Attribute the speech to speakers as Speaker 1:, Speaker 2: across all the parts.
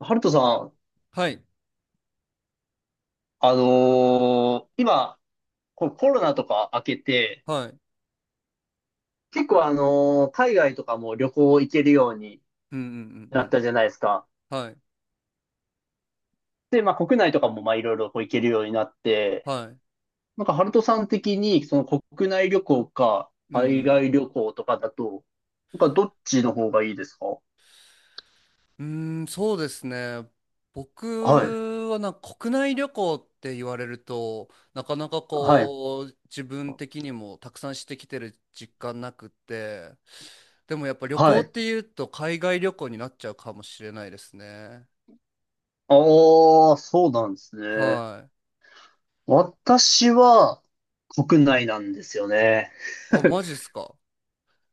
Speaker 1: ハルトさん、
Speaker 2: はい、
Speaker 1: 今、このコロナとか明けて、
Speaker 2: はい。
Speaker 1: 結構海外とかも旅行行けるように
Speaker 2: うんうん
Speaker 1: な
Speaker 2: うんう
Speaker 1: った
Speaker 2: ん。
Speaker 1: じゃないですか。
Speaker 2: はい、
Speaker 1: で、まあ国内とかもまあいろいろこう行けるようになって、
Speaker 2: はい。
Speaker 1: なんかハルトさん的にその国内旅行か
Speaker 2: う
Speaker 1: 海
Speaker 2: ん
Speaker 1: 外旅行とかだと、なんかどっちの方がいいですか？
Speaker 2: うん。うーん、そうですね。
Speaker 1: はい。
Speaker 2: 僕はなんか国内旅行って言われると、なかなか
Speaker 1: はい。
Speaker 2: こう、自分的にもたくさんしてきてる実感なくって、でもやっぱ旅
Speaker 1: は
Speaker 2: 行っ
Speaker 1: い。
Speaker 2: ていうと海外旅行になっちゃうかもしれないですね。
Speaker 1: ああ、そうなんですね。
Speaker 2: はい。
Speaker 1: 私は国内なんですよね。
Speaker 2: あ、マジっすか。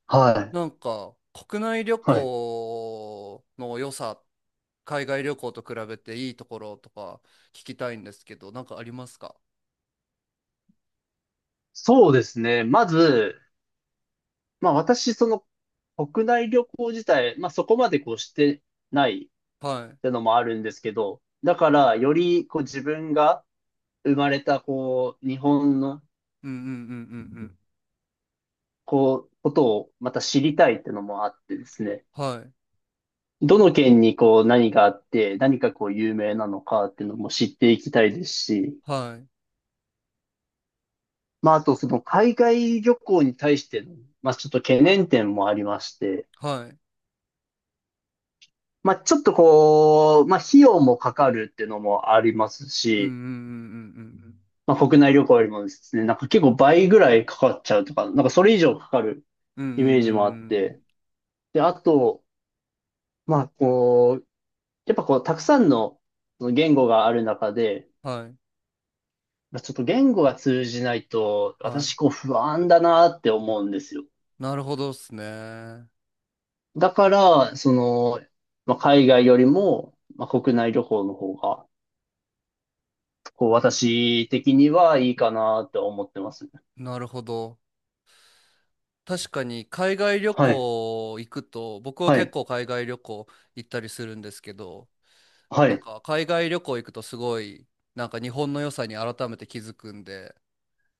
Speaker 1: はい。
Speaker 2: なんか国内旅
Speaker 1: はい。
Speaker 2: 行の良さ、海外旅行と比べていいところとか聞きたいんですけど、なんかありますか？
Speaker 1: そうですね。まず、まあ私、その国内旅行自体、まあそこまでこうしてないっ
Speaker 2: はい。
Speaker 1: てのもあるんですけど、だからよりこう自分が生まれたこう日本の
Speaker 2: うんうんうんうんうん。
Speaker 1: こうことをまた知りたいってのもあってですね、
Speaker 2: はい。
Speaker 1: どの県にこう何があって何かこう有名なのかっていうのも知っていきたいですし、
Speaker 2: はい。
Speaker 1: まああとその海外旅行に対しての、まあちょっと懸念点もありまして、
Speaker 2: はい。
Speaker 1: まあ、ちょっとこう、まあ、費用もかかるっていうのもあります
Speaker 2: うんうん
Speaker 1: し、
Speaker 2: うん
Speaker 1: まあ、国内旅行よりもですね、なんか結構倍ぐらいかかっちゃうとか、なんかそれ以上かかる
Speaker 2: うんうんうん。うん
Speaker 1: イ
Speaker 2: う
Speaker 1: メージもあ
Speaker 2: ん
Speaker 1: っ
Speaker 2: うんう
Speaker 1: て、
Speaker 2: ん
Speaker 1: で、あと、まあ、こう、やっぱこう、たくさんのその言語がある中で、
Speaker 2: うん。はい。
Speaker 1: まあちょっと言語が通じないと、
Speaker 2: は
Speaker 1: 私
Speaker 2: い。
Speaker 1: こう不安だなって思うんですよ。
Speaker 2: なるほどっすね。
Speaker 1: だから、その、まあ、海外よりも、まあ、国内旅行の方が、こう、私的にはいいかなって思ってます。
Speaker 2: なるほど。確かに海外旅
Speaker 1: はい。
Speaker 2: 行行くと、僕は
Speaker 1: は
Speaker 2: 結
Speaker 1: い。
Speaker 2: 構海外旅行行ったりするんですけど、
Speaker 1: は
Speaker 2: なん
Speaker 1: い。
Speaker 2: か海外旅行行くとすごい、なんか日本の良さに改めて気づくんで、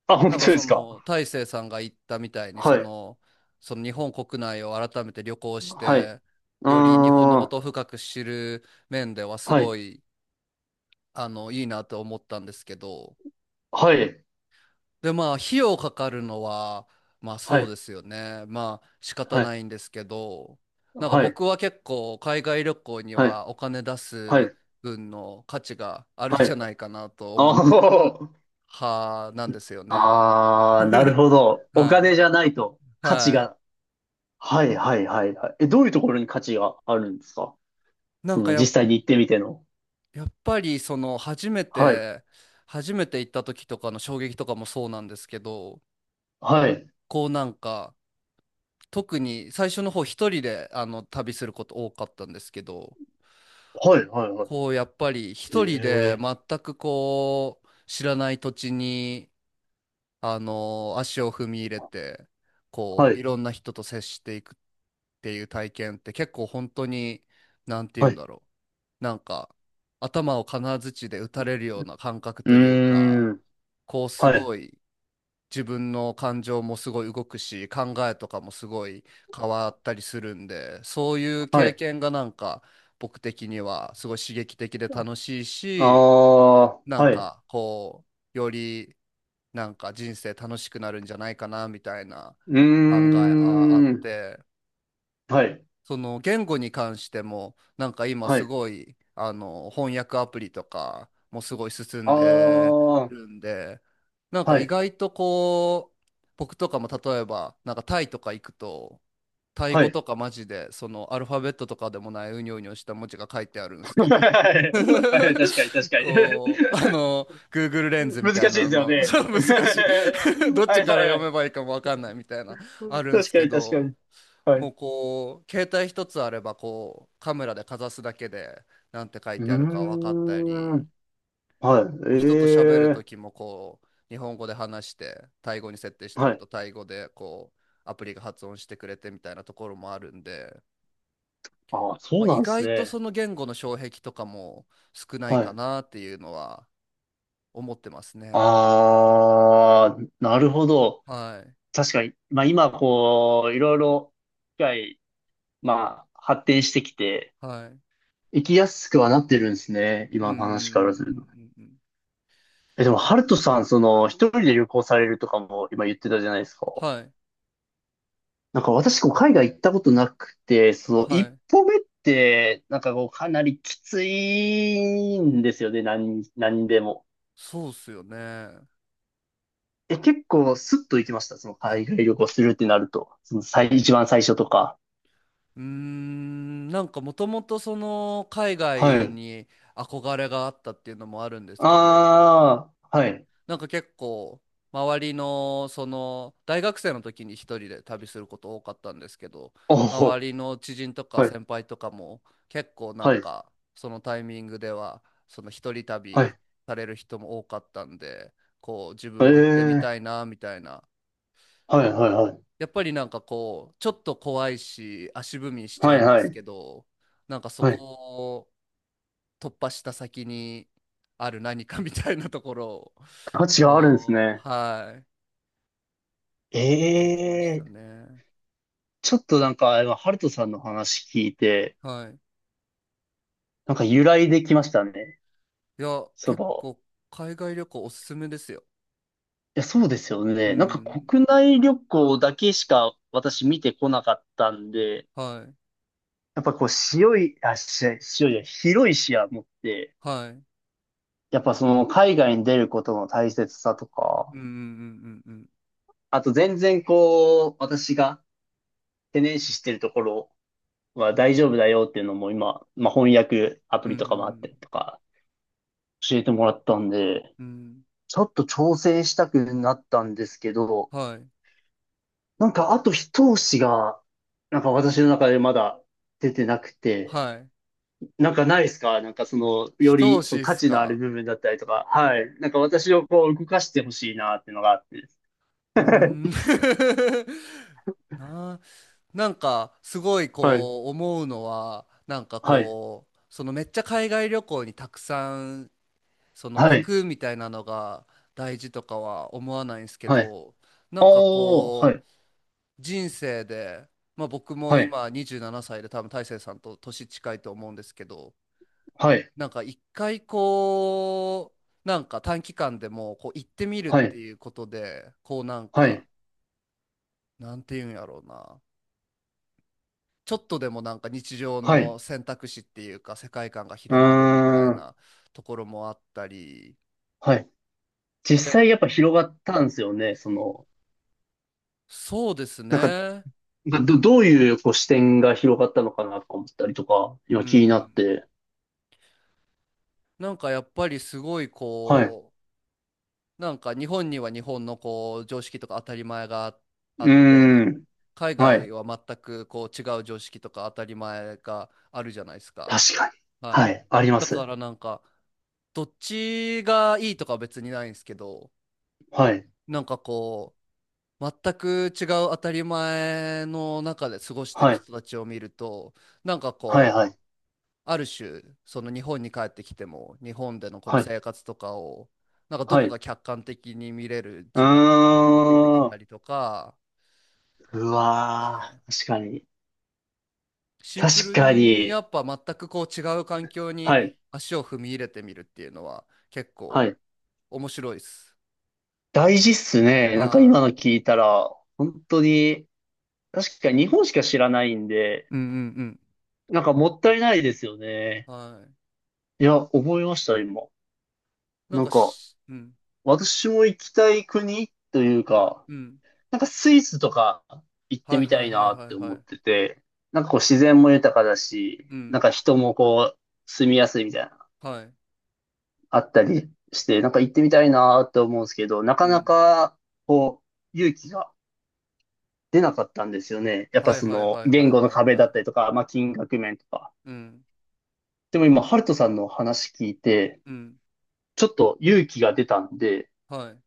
Speaker 1: あ、本
Speaker 2: なんか
Speaker 1: 当で
Speaker 2: そ
Speaker 1: すか？
Speaker 2: の大成さんが言ったみたいに
Speaker 1: は
Speaker 2: そ
Speaker 1: い。
Speaker 2: の、その日本国内を改めて旅行し
Speaker 1: はい。
Speaker 2: てより日本のこ
Speaker 1: あ
Speaker 2: と
Speaker 1: ー。
Speaker 2: を深く知る面ではす
Speaker 1: は
Speaker 2: ご
Speaker 1: い。
Speaker 2: い、あのいいなと思ったんですけど、
Speaker 1: はい。
Speaker 2: でまあ費用かかるのはまあ
Speaker 1: は
Speaker 2: そう
Speaker 1: い。
Speaker 2: ですよね、まあ仕方
Speaker 1: はい。
Speaker 2: ないんですけど、なんか
Speaker 1: はい。
Speaker 2: 僕は結構海外旅行に
Speaker 1: はい。
Speaker 2: はお金出
Speaker 1: は
Speaker 2: す
Speaker 1: い。
Speaker 2: 分の価値があるん
Speaker 1: は
Speaker 2: じゃ
Speaker 1: い。
Speaker 2: ないかなと思っ
Speaker 1: あ
Speaker 2: てる
Speaker 1: ー。
Speaker 2: 派なんですよね。
Speaker 1: あー、なる ほど。お
Speaker 2: は
Speaker 1: 金
Speaker 2: い、
Speaker 1: じゃないと価値
Speaker 2: は
Speaker 1: が。
Speaker 2: い。
Speaker 1: はい。はい。はい。はいえ、どういうところに価値があるんですか？
Speaker 2: なん
Speaker 1: そ
Speaker 2: か
Speaker 1: の
Speaker 2: や
Speaker 1: 実
Speaker 2: っ、
Speaker 1: 際に行ってみての。
Speaker 2: やっぱりその初め
Speaker 1: はい。
Speaker 2: て初めて行った時とかの衝撃とかもそうなんですけど、
Speaker 1: はい。
Speaker 2: こうなんか特に最初の方一人であの旅すること多かったんですけど、
Speaker 1: はい。はい。は
Speaker 2: こ
Speaker 1: い。
Speaker 2: うやっぱり
Speaker 1: え
Speaker 2: 一人で
Speaker 1: え。
Speaker 2: 全くこう知らない土地にあの足を踏み入れて、こ
Speaker 1: は
Speaker 2: うい
Speaker 1: い。
Speaker 2: ろんな人と接していくっていう体験って結構本当に、なんて言う
Speaker 1: は
Speaker 2: ん
Speaker 1: い。
Speaker 2: だろう、なんか頭を金槌で打たれるような感覚
Speaker 1: う
Speaker 2: というか、
Speaker 1: ーん。
Speaker 2: こうす
Speaker 1: はい。
Speaker 2: ごい自分の感情もすごい動くし考えとかもすごい変わったりするんで、そういう
Speaker 1: は
Speaker 2: 経
Speaker 1: い。
Speaker 2: 験がなんか僕的にはすごい刺激的で楽しい
Speaker 1: あ
Speaker 2: し、な
Speaker 1: あ、
Speaker 2: ん
Speaker 1: はい。
Speaker 2: かこう、よりなんか人生楽しくなるんじゃないかなみたいな
Speaker 1: うー
Speaker 2: 考えあ、あっ
Speaker 1: ん。
Speaker 2: て、
Speaker 1: はい。
Speaker 2: その言語に関してもなんか今
Speaker 1: は
Speaker 2: す
Speaker 1: い。
Speaker 2: ごいあの翻訳アプリとかもすごい進
Speaker 1: あ
Speaker 2: んで
Speaker 1: あ。
Speaker 2: るんで、なんか
Speaker 1: は
Speaker 2: 意
Speaker 1: い。
Speaker 2: 外とこう、僕とかも例えばなんかタイとか行くと、タイ
Speaker 1: は
Speaker 2: 語
Speaker 1: い。
Speaker 2: とかマジで、そのアルファベットとかでもないうにょうにょした文字が書いてあるんですけ ど、
Speaker 1: はい。確かに、確 かに。
Speaker 2: こう、あの、Google レン ズみ
Speaker 1: 難しい
Speaker 2: たい
Speaker 1: で
Speaker 2: な
Speaker 1: すよ
Speaker 2: の、そう
Speaker 1: ね。
Speaker 2: 難しい ど っ
Speaker 1: は
Speaker 2: ち
Speaker 1: い
Speaker 2: か
Speaker 1: は
Speaker 2: ら
Speaker 1: いは
Speaker 2: 読め
Speaker 1: い。
Speaker 2: ばいいかもわかんないみたいな、あるんです
Speaker 1: 確か
Speaker 2: け
Speaker 1: に、確か
Speaker 2: ど、
Speaker 1: に。はい。
Speaker 2: も
Speaker 1: う
Speaker 2: うこう、携帯一つあれば、こう、カメラでかざすだけで、なんて書い
Speaker 1: ー
Speaker 2: てあるか分かったり、
Speaker 1: ん。はい。
Speaker 2: こう人と喋る
Speaker 1: え
Speaker 2: と
Speaker 1: え。
Speaker 2: きもこう日本語で話してタイ語に設定しと
Speaker 1: は
Speaker 2: く
Speaker 1: い。
Speaker 2: とタイ語でこうアプリが発音してくれてみたいなところもあるんで、
Speaker 1: ああ、そ
Speaker 2: ま
Speaker 1: う
Speaker 2: あ、
Speaker 1: な
Speaker 2: 意
Speaker 1: んです
Speaker 2: 外とそ
Speaker 1: ね。
Speaker 2: の言語の障壁とかも少ない
Speaker 1: は
Speaker 2: か
Speaker 1: い。
Speaker 2: なっていうのは思ってますね。
Speaker 1: ああ、なるほど。
Speaker 2: はい、
Speaker 1: 確かに。まあ今、こう、いろいろ、機械、まあ、発展してきて、
Speaker 2: はい。
Speaker 1: 行きやすくはなってるんですね。
Speaker 2: うんう
Speaker 1: 今
Speaker 2: ん
Speaker 1: の
Speaker 2: うんう
Speaker 1: 話からすると。
Speaker 2: んうんうん。
Speaker 1: え、でも、ハルトさん、その、一人で旅行されるとかも今言ってたじゃないですか。
Speaker 2: はい、
Speaker 1: なんか私、こう、海外行ったことなくて、その、
Speaker 2: は
Speaker 1: 一
Speaker 2: い、
Speaker 1: 歩目って、なんかこう、かなりきついんですよね。何、何でも。
Speaker 2: そうっすよね。
Speaker 1: え、結構、スッと行きました？その、海外旅行するってなると。その、最、一番最初とか。
Speaker 2: なんかもともとその海
Speaker 1: は
Speaker 2: 外
Speaker 1: い。
Speaker 2: に憧れがあったっていうのもあるんですけど、
Speaker 1: ああ、はい。
Speaker 2: なんか結構周りのその大学生の時に一人で旅すること多かったんですけど、
Speaker 1: お
Speaker 2: 周
Speaker 1: お、
Speaker 2: りの知人とか
Speaker 1: はい、
Speaker 2: 先輩とかも結構なん
Speaker 1: はい、
Speaker 2: かそのタイミングでは、その一人
Speaker 1: は
Speaker 2: 旅
Speaker 1: い。
Speaker 2: される人も多かったんで、こう自分
Speaker 1: え
Speaker 2: も行ってみた
Speaker 1: え、
Speaker 2: いなみたいな、
Speaker 1: はい、はい、はい。
Speaker 2: やっぱりなんかこうちょっと怖いし足踏みしち
Speaker 1: は
Speaker 2: ゃ
Speaker 1: い、
Speaker 2: うんで
Speaker 1: は
Speaker 2: す
Speaker 1: い。
Speaker 2: けど、なんかそ
Speaker 1: は
Speaker 2: こ
Speaker 1: い、
Speaker 2: を突破した先にある何かみたいなところを、
Speaker 1: 価値があるんです
Speaker 2: こ
Speaker 1: ね。
Speaker 2: う、はい、見ていきました
Speaker 1: ええ、
Speaker 2: ね。
Speaker 1: ちょっとなんか、今、ハルトさんの話聞いて、
Speaker 2: はい。
Speaker 1: なんか由来できましたね。
Speaker 2: いや、
Speaker 1: そ
Speaker 2: 結
Speaker 1: ばを。
Speaker 2: 構海外旅行おすすめですよ。
Speaker 1: いや、そうですよ
Speaker 2: う
Speaker 1: ね。なんか
Speaker 2: ん。
Speaker 1: 国内旅行だけしか私見てこなかったんで、
Speaker 2: はい。
Speaker 1: やっぱこう、広い、あ、し広いじゃない、広い視野持って、
Speaker 2: はい。
Speaker 1: やっぱその海外に出ることの大切さと
Speaker 2: う
Speaker 1: か、
Speaker 2: んうんうんうん
Speaker 1: あと全然こう、私が懸念視してるところは大丈夫だよっていうのも今、まあ翻訳ア
Speaker 2: う
Speaker 1: プ
Speaker 2: ん。う
Speaker 1: リとかもあったり
Speaker 2: ん
Speaker 1: とか、教えてもらったんで、
Speaker 2: うん。うん、
Speaker 1: ちょっと挑戦したくなったんですけど、
Speaker 2: はい。
Speaker 1: なんかあと一押しが、なんか私の中でまだ出てなくて、
Speaker 2: はい。
Speaker 1: なんかないですか？なんかその、よ
Speaker 2: 一押
Speaker 1: りそ
Speaker 2: し
Speaker 1: の
Speaker 2: っ
Speaker 1: 価
Speaker 2: す
Speaker 1: 値のある
Speaker 2: か。
Speaker 1: 部分だったりとか、はい。なんか私をこう動かしてほしいなっていうのがあって。
Speaker 2: うーん。なあ、なんかすごい
Speaker 1: はい。
Speaker 2: こう思うのは、なんか
Speaker 1: はい。
Speaker 2: こう、そのめっちゃ海外旅行にたくさんその
Speaker 1: は
Speaker 2: 行
Speaker 1: い。
Speaker 2: くみたいなのが大事とかは思わないんですけ
Speaker 1: はい。
Speaker 2: ど、なんか
Speaker 1: おー、は
Speaker 2: こう、
Speaker 1: い。
Speaker 2: 人生で、まあ、僕も
Speaker 1: はい。
Speaker 2: 今27歳で多分大成さんと年近いと思うんですけど、
Speaker 1: はい。
Speaker 2: なんか一回、こうなんか短期間でもこう行ってみるっ
Speaker 1: は
Speaker 2: て
Speaker 1: い。
Speaker 2: いうことでこうなん
Speaker 1: は
Speaker 2: か、
Speaker 1: い。
Speaker 2: なんていうんやろうな、ちょっとでもなんか日常
Speaker 1: はい。
Speaker 2: の選択肢っていうか世界観が
Speaker 1: う
Speaker 2: 広まるみた
Speaker 1: ー
Speaker 2: い
Speaker 1: ん。
Speaker 2: なところもあったり、
Speaker 1: はい。実
Speaker 2: で、
Speaker 1: 際やっぱ広がったんですよね。その、
Speaker 2: そうです
Speaker 1: なんか
Speaker 2: ね。
Speaker 1: がど、どういうこう視点が広がったのかなとか思ったりとか、
Speaker 2: う
Speaker 1: 今気になっ
Speaker 2: ん。
Speaker 1: て。
Speaker 2: なんかやっぱりすごい
Speaker 1: はい。う
Speaker 2: こう、なんか日本には日本のこう常識とか当たり前があ
Speaker 1: ー
Speaker 2: って、
Speaker 1: ん。
Speaker 2: 海
Speaker 1: は
Speaker 2: 外
Speaker 1: い。
Speaker 2: は全くこう違う常識とか当たり前があるじゃないですか。
Speaker 1: 確かに。
Speaker 2: は
Speaker 1: は
Speaker 2: い。
Speaker 1: い。ありま
Speaker 2: だか
Speaker 1: す。
Speaker 2: らなんかどっちがいいとかは別にないんですけど、
Speaker 1: はい。
Speaker 2: なんかこう全く違う当たり前の中で過ごしてる
Speaker 1: はい。
Speaker 2: 人たちを見るとなんか
Speaker 1: はい。は
Speaker 2: こ
Speaker 1: い。
Speaker 2: ある種その日本に帰ってきても日本でのこの
Speaker 1: はい。
Speaker 2: 生活とかをなんかど
Speaker 1: は
Speaker 2: こ
Speaker 1: い。う
Speaker 2: か客観的に見れる
Speaker 1: ー
Speaker 2: 時間がたまに出てきた
Speaker 1: ん。
Speaker 2: りとか、
Speaker 1: う
Speaker 2: はい、
Speaker 1: わー。確かに。
Speaker 2: シンプ
Speaker 1: 確
Speaker 2: ル
Speaker 1: か
Speaker 2: に
Speaker 1: に。
Speaker 2: やっぱ全くこう違う環境に
Speaker 1: はい。
Speaker 2: 足を踏み入れてみるっていうのは結
Speaker 1: は
Speaker 2: 構
Speaker 1: い。
Speaker 2: 面白いです。
Speaker 1: 大事っすね。なんか今
Speaker 2: はい。
Speaker 1: の聞いたら、本当に、確かに日本しか知らないんで、
Speaker 2: うんうん
Speaker 1: なんかもったいないですよね。
Speaker 2: うん。はい。
Speaker 1: いや、覚えました、今。
Speaker 2: なん
Speaker 1: なん
Speaker 2: か
Speaker 1: か、
Speaker 2: し、うん
Speaker 1: 私も行きたい国というか、
Speaker 2: うん。
Speaker 1: なんかスイスとか行っ
Speaker 2: は
Speaker 1: て
Speaker 2: い、
Speaker 1: み
Speaker 2: は
Speaker 1: た
Speaker 2: い、
Speaker 1: い
Speaker 2: は
Speaker 1: な
Speaker 2: い、
Speaker 1: っ
Speaker 2: はい、
Speaker 1: て
Speaker 2: は
Speaker 1: 思っ
Speaker 2: い。
Speaker 1: てて、なんかこう自然も豊かだし、
Speaker 2: う
Speaker 1: なん
Speaker 2: ん。
Speaker 1: か人もこう住みやすいみたいな、
Speaker 2: はい。
Speaker 1: あったりして、なんか行ってみたいなって思うんですけど、な
Speaker 2: う
Speaker 1: かな
Speaker 2: ん。
Speaker 1: かこう勇気が出なかったんですよね。やっぱ
Speaker 2: はい、
Speaker 1: そ
Speaker 2: はい、
Speaker 1: の
Speaker 2: はい、は
Speaker 1: 言
Speaker 2: い、
Speaker 1: 語
Speaker 2: は
Speaker 1: の
Speaker 2: い、
Speaker 1: 壁
Speaker 2: は
Speaker 1: だっ
Speaker 2: い。
Speaker 1: たりとか、まあ金額面とか。
Speaker 2: うん。
Speaker 1: でも今、ハルトさんの話聞いて、
Speaker 2: うん。
Speaker 1: ちょっと勇気が出たんで、
Speaker 2: はい。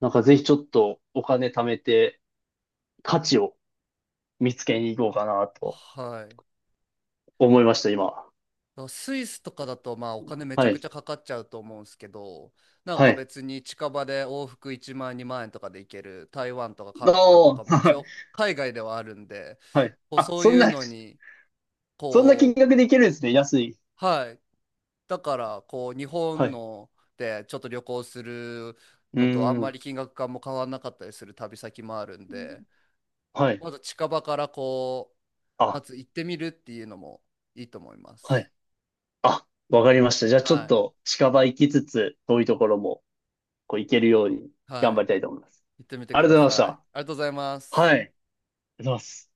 Speaker 1: なんかぜひちょっとお金貯めて価値を見つけに行こうかなと
Speaker 2: はい。
Speaker 1: 思いました、今。
Speaker 2: スイスとかだとまあお金めちゃ
Speaker 1: は
Speaker 2: くち
Speaker 1: い。
Speaker 2: ゃかかっちゃうと思うんですけど、なん
Speaker 1: は
Speaker 2: か
Speaker 1: い。
Speaker 2: 別に近場で往復1万円2万円とかで行ける台湾とか韓国と
Speaker 1: お
Speaker 2: かも
Speaker 1: ーは
Speaker 2: 一
Speaker 1: い。
Speaker 2: 応海外ではあるんで、
Speaker 1: はい
Speaker 2: こう
Speaker 1: あ、
Speaker 2: そう
Speaker 1: そん
Speaker 2: いう
Speaker 1: な、
Speaker 2: のに、
Speaker 1: そんな金
Speaker 2: こう、
Speaker 1: 額でいけるんですね。安い。
Speaker 2: はい、だからこう日
Speaker 1: は
Speaker 2: 本
Speaker 1: い。
Speaker 2: ので、ちょっと旅行する
Speaker 1: う
Speaker 2: のとあん
Speaker 1: ー
Speaker 2: ま
Speaker 1: ん。
Speaker 2: り金額感も変わらなかったりする旅先もあるんで、
Speaker 1: はい。
Speaker 2: まず近場からこう、ま
Speaker 1: あ、
Speaker 2: ず行ってみるっていうのもいいと思いま
Speaker 1: は
Speaker 2: す。
Speaker 1: い。あ、わかりました。じゃあちょっ
Speaker 2: は
Speaker 1: と近場行きつつ、遠いところもこう行けるように
Speaker 2: い、は
Speaker 1: 頑張
Speaker 2: い、
Speaker 1: りたいと思います。
Speaker 2: 行ってみて
Speaker 1: あり
Speaker 2: く
Speaker 1: がと
Speaker 2: だ
Speaker 1: うございまし
Speaker 2: さい。
Speaker 1: た。
Speaker 2: ありがとうございます。
Speaker 1: はい。ありがとうございます。